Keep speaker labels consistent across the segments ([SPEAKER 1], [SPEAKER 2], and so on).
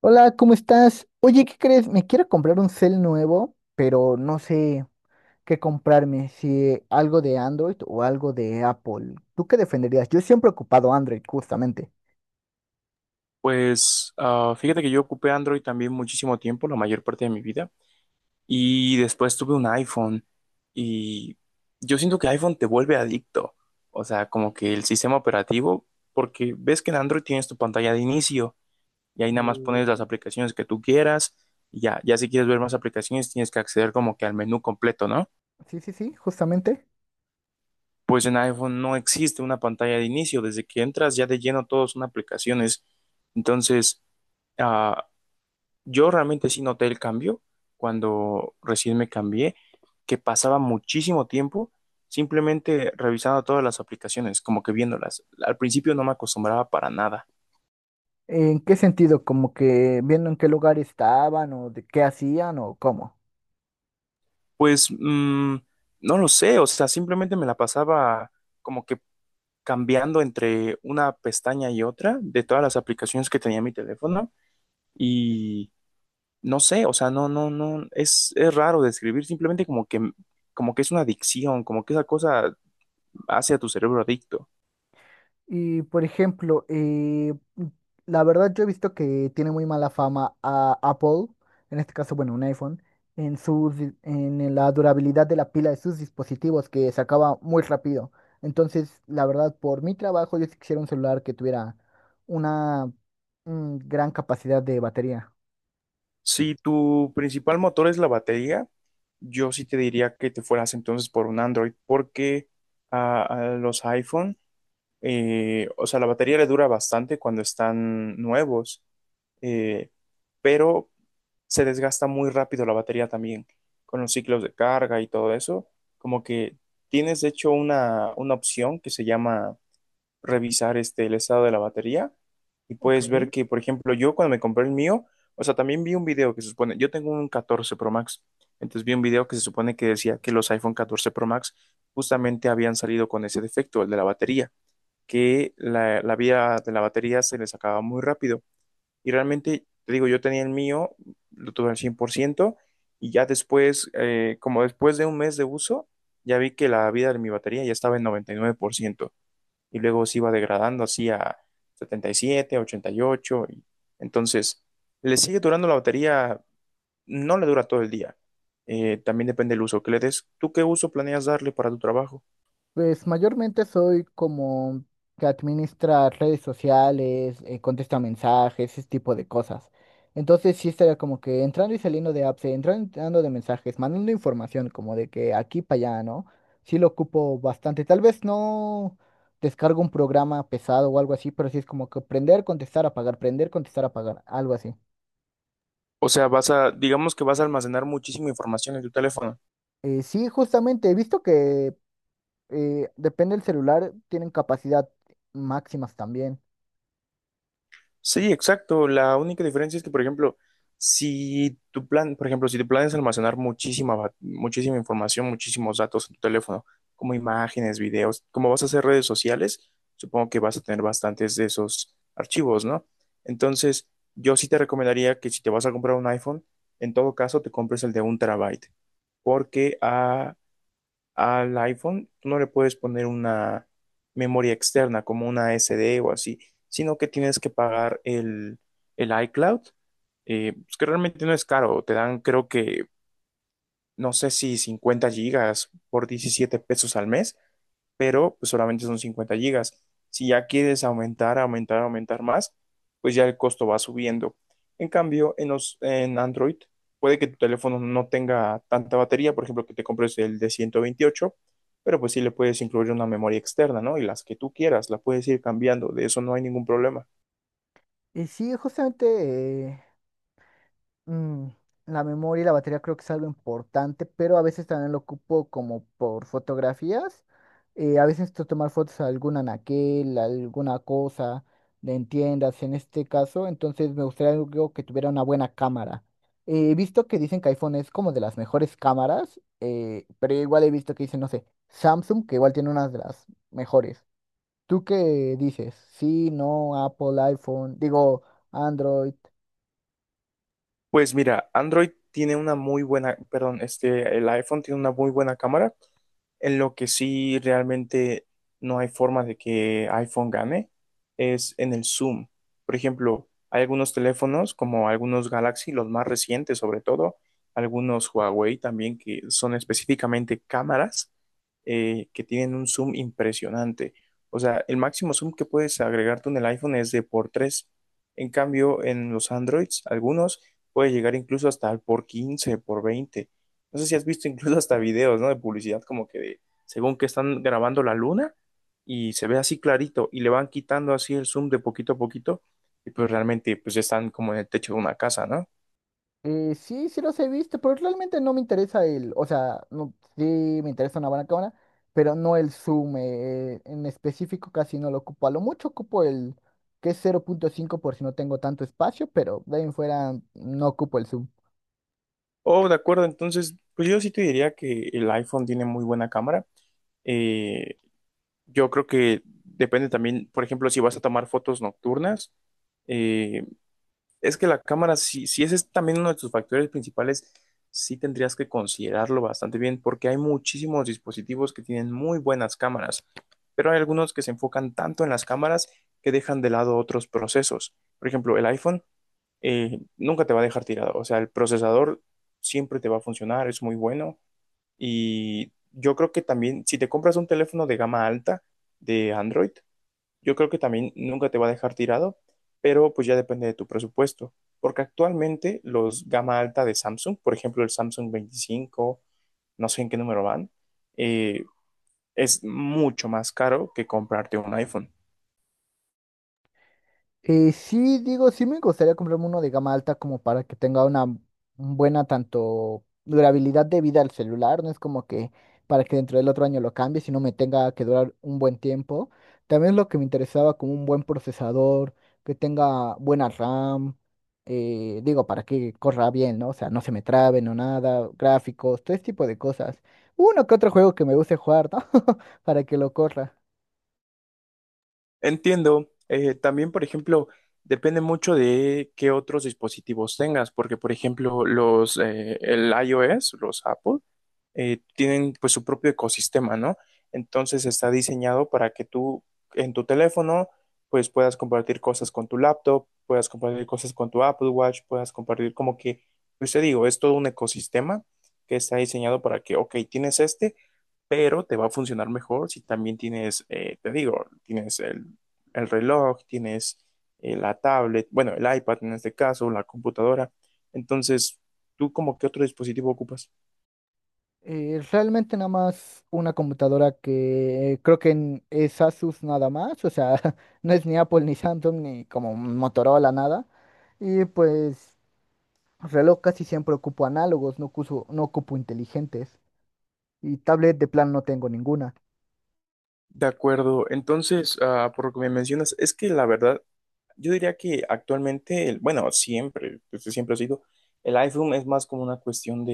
[SPEAKER 1] Hola, ¿cómo estás? Oye, ¿qué crees? Me quiero comprar un cel nuevo, pero no sé qué comprarme, si algo de Android o algo de Apple. ¿Tú qué defenderías? Yo siempre he ocupado Android, justamente.
[SPEAKER 2] Pues fíjate que yo ocupé Android también muchísimo tiempo, la mayor parte de mi vida, y después tuve un iPhone y yo siento que iPhone te vuelve adicto, o sea, como que el sistema operativo, porque ves que en Android tienes tu pantalla de inicio y ahí nada más pones las
[SPEAKER 1] Eh,
[SPEAKER 2] aplicaciones que tú quieras, y ya, ya si quieres ver más aplicaciones tienes que acceder como que al menú completo, ¿no?
[SPEAKER 1] sí, sí, sí, justamente.
[SPEAKER 2] Pues en iPhone no existe una pantalla de inicio, desde que entras ya de lleno todos son aplicaciones, entonces... Ah, Yo realmente sí noté el cambio cuando recién me cambié, que pasaba muchísimo tiempo simplemente revisando todas las aplicaciones, como que viéndolas. Al principio no me acostumbraba para nada.
[SPEAKER 1] ¿En qué sentido? ¿Como que viendo en qué lugar estaban o de qué hacían o cómo?
[SPEAKER 2] Pues no lo sé, o sea, simplemente me la pasaba como que cambiando entre una pestaña y otra de todas las aplicaciones que tenía mi teléfono y no sé, o sea, no, no, no, es raro describir, simplemente como que es una adicción, como que esa cosa hace a tu cerebro adicto.
[SPEAKER 1] Y por ejemplo, la verdad yo he visto que tiene muy mala fama a Apple, en este caso, bueno, un iPhone, en sus, en la durabilidad de la pila de sus dispositivos que se acaba muy rápido. Entonces, la verdad, por mi trabajo, yo sí quisiera un celular que tuviera una gran capacidad de batería.
[SPEAKER 2] Si tu principal motor es la batería, yo sí te diría que te fueras entonces por un Android, porque a los iPhone, o sea, la batería le dura bastante cuando están nuevos, eh, pero se desgasta muy rápido la batería también, con los ciclos de carga y todo eso. Como que tienes, de hecho, una opción que se llama revisar el estado de la batería y
[SPEAKER 1] Ok.
[SPEAKER 2] puedes ver que, por ejemplo, yo cuando me compré el mío, o sea, también vi un video que se supone, yo tengo un 14 Pro Max, entonces vi un video que se supone que decía que los iPhone 14 Pro Max justamente habían salido con ese defecto, el de la batería, que la vida de la batería se les acababa muy rápido. Y realmente, te digo, yo tenía el mío, lo tuve al 100% y ya después, como después de un mes de uso, ya vi que la vida de mi batería ya estaba en 99% y luego se iba degradando así a 77, 88. Y, ocho, y entonces, le sigue durando la batería, no le dura todo el día. También depende del uso que le des. ¿Tú qué uso planeas darle para tu trabajo?
[SPEAKER 1] Pues mayormente soy como que administra redes sociales, contesta mensajes, ese tipo de cosas. Entonces sí estaría como que entrando y saliendo de apps, entrando y saliendo de mensajes, mandando información como de que aquí para allá, ¿no? Sí lo ocupo bastante. Tal vez no descargo un programa pesado o algo así, pero sí es como que prender, contestar, apagar, algo así.
[SPEAKER 2] O sea, vas a, digamos que vas a almacenar muchísima información en tu teléfono.
[SPEAKER 1] Sí, justamente he visto que depende del celular, tienen capacidad máximas también.
[SPEAKER 2] Sí, exacto. La única diferencia es que, por ejemplo, si tu plan, por ejemplo, si tu plan es almacenar muchísima, muchísima información, muchísimos datos en tu teléfono, como imágenes, videos, como vas a hacer redes sociales, supongo que vas a tener bastantes de esos archivos, ¿no? Entonces, yo sí te recomendaría que si te vas a comprar un iPhone, en todo caso te compres el de un terabyte, porque al iPhone tú no le puedes poner una memoria externa como una SD o así, sino que tienes que pagar el iCloud, pues que realmente no es caro. Te dan, creo que, no sé si 50 gigas por 17 pesos al mes pero pues solamente son 50 gigas. Si ya quieres aumentar, aumentar, aumentar más, pues ya el costo va subiendo. En cambio, en Android, puede que tu teléfono no tenga tanta batería, por ejemplo, que te compres el de 128, pero pues sí le puedes incluir una memoria externa, ¿no? Y las que tú quieras, la puedes ir cambiando, de eso no hay ningún problema.
[SPEAKER 1] Y sí, justamente mm, la memoria y la batería creo que es algo importante, pero a veces también lo ocupo como por fotografías. A veces tomar fotos a algún anaquel, a alguna cosa, de en tiendas en este caso, entonces me gustaría algo que tuviera una buena cámara. He visto que dicen que iPhone es como de las mejores cámaras, pero igual he visto que dicen, no sé, Samsung, que igual tiene una de las mejores. ¿Tú qué dices? Sí, no, Apple, iPhone, digo... Android.
[SPEAKER 2] Pues mira, Android tiene una muy buena, perdón, el iPhone tiene una muy buena cámara, en lo que sí realmente no hay forma de que iPhone gane, es en el zoom. Por ejemplo, hay algunos teléfonos, como algunos Galaxy, los más recientes sobre todo, algunos Huawei también, que son específicamente cámaras que tienen un zoom impresionante. O sea, el máximo zoom que puedes agregar tú en el iPhone es de por 3. En cambio, en los Androids, algunos puede llegar incluso hasta al por 15 por veinte. No sé si has visto incluso hasta videos, ¿no? De publicidad como que de, según que están grabando la luna y se ve así clarito y le van quitando así el zoom de poquito a poquito y pues realmente pues ya están como en el techo de una casa, ¿no?
[SPEAKER 1] Sí, sí los he visto, pero realmente no me interesa el, o sea, no, sí me interesa una buena cámara, pero no el zoom, en específico casi no lo ocupo, a lo mucho ocupo el que es 0.5 por si no tengo tanto espacio, pero de ahí en fuera no ocupo el zoom.
[SPEAKER 2] Oh, de acuerdo, entonces pues yo sí te diría que el iPhone tiene muy buena cámara. Eh, yo creo que depende también, por ejemplo, si vas a tomar fotos nocturnas. eh, Es que la cámara, si ese es también uno de tus factores principales, sí tendrías que considerarlo bastante bien, porque hay muchísimos dispositivos que tienen muy buenas cámaras, pero hay algunos que se enfocan tanto en las cámaras que dejan de lado otros procesos. Por ejemplo, el iPhone nunca te va a dejar tirado, o sea, el procesador siempre te va a funcionar, es muy bueno, y yo creo que también si te compras un teléfono de gama alta de Android, yo creo que también nunca te va a dejar tirado, pero pues ya depende de tu presupuesto, porque actualmente los gama alta de Samsung, por ejemplo el Samsung 25, no sé en qué número van, eh, es mucho más caro que comprarte un iPhone.
[SPEAKER 1] Sí, digo, sí me gustaría comprarme uno de gama alta como para que tenga una buena tanto durabilidad de vida al celular, no es como que para que dentro del otro año lo cambie, sino me tenga que durar un buen tiempo. También lo que me interesaba como un buen procesador, que tenga buena RAM, digo, para que corra bien, ¿no? O sea, no se me trabe, no nada, gráficos, todo ese tipo de cosas. Uno que otro juego que me guste jugar, ¿no? Para que lo corra.
[SPEAKER 2] Entiendo. También, por ejemplo, depende mucho de qué otros dispositivos tengas, porque, por ejemplo, el iOS, los Apple, tienen pues su propio ecosistema, ¿no? Entonces está diseñado para que tú en tu teléfono pues puedas compartir cosas con tu laptop, puedas compartir cosas con tu Apple Watch, puedas compartir como que, pues te digo, es todo un ecosistema que está diseñado para que, ok, tienes este, pero te va a funcionar mejor si también tienes, te digo, tienes el reloj, tienes la tablet, bueno, el iPad en este caso, la computadora. Entonces, ¿tú como qué otro dispositivo ocupas?
[SPEAKER 1] Realmente nada más una computadora que creo que es Asus nada más, o sea, no es ni Apple ni Samsung ni como Motorola nada. Y pues reloj casi siempre ocupo análogos, no ocupo inteligentes. Y tablet de plan no tengo ninguna.
[SPEAKER 2] De acuerdo, entonces, por lo que me mencionas, es que la verdad, yo diría que actualmente, bueno, siempre, desde siempre ha sido, el iPhone es más como una cuestión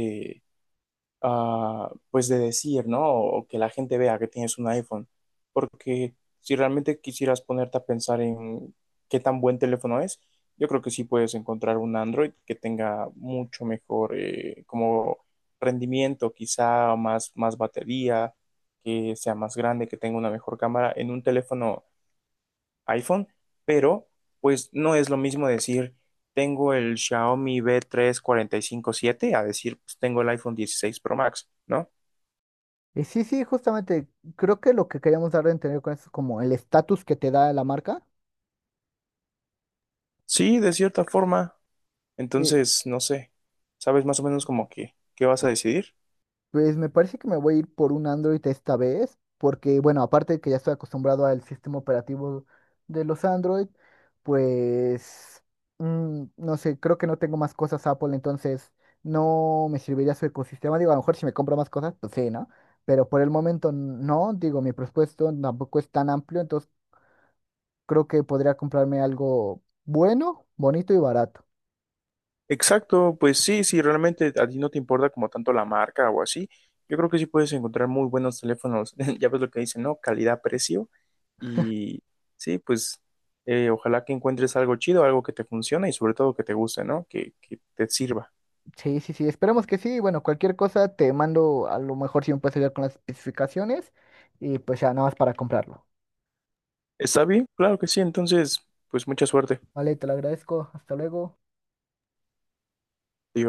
[SPEAKER 2] pues de decir, ¿no? O que la gente vea que tienes un iPhone. Porque si realmente quisieras ponerte a pensar en qué tan buen teléfono es, yo creo que sí puedes encontrar un Android que tenga mucho mejor como rendimiento, quizá más batería, que sea más grande, que tenga una mejor cámara en un teléfono iPhone, pero pues no es lo mismo decir tengo el Xiaomi B3457 a decir, pues tengo el iPhone 16 Pro Max, ¿no?
[SPEAKER 1] Sí, sí, justamente creo que lo que queríamos dar a entender con eso es como el estatus que te da la marca.
[SPEAKER 2] Sí, de cierta forma.
[SPEAKER 1] eh,
[SPEAKER 2] Entonces, no sé, ¿sabes más o menos como que qué vas a decidir?
[SPEAKER 1] Pues me parece que me voy a ir por un Android esta vez, porque bueno, aparte de que ya estoy acostumbrado al sistema operativo de los Android, pues no sé, creo que no tengo más cosas Apple, entonces no me serviría su ecosistema. Digo, a lo mejor si me compro más cosas, pues sí, ¿no? Pero por el momento no, digo, mi presupuesto tampoco es tan amplio, entonces creo que podría comprarme algo bueno, bonito y barato.
[SPEAKER 2] Exacto, pues sí, si realmente a ti no te importa como tanto la marca o así, yo creo que sí puedes encontrar muy buenos teléfonos. Ya ves lo que dicen, ¿no? Calidad-precio. Y sí, pues ojalá que encuentres algo chido, algo que te funcione y sobre todo que te guste, ¿no? Que te sirva.
[SPEAKER 1] Sí, sí, sí, esperemos que sí. Bueno, cualquier cosa te mando, a lo mejor si me puedes ayudar con las especificaciones y pues ya nada más para comprarlo.
[SPEAKER 2] ¿Está bien? Claro que sí. Entonces, pues mucha suerte.
[SPEAKER 1] Vale, te lo agradezco. Hasta luego.
[SPEAKER 2] Adiós.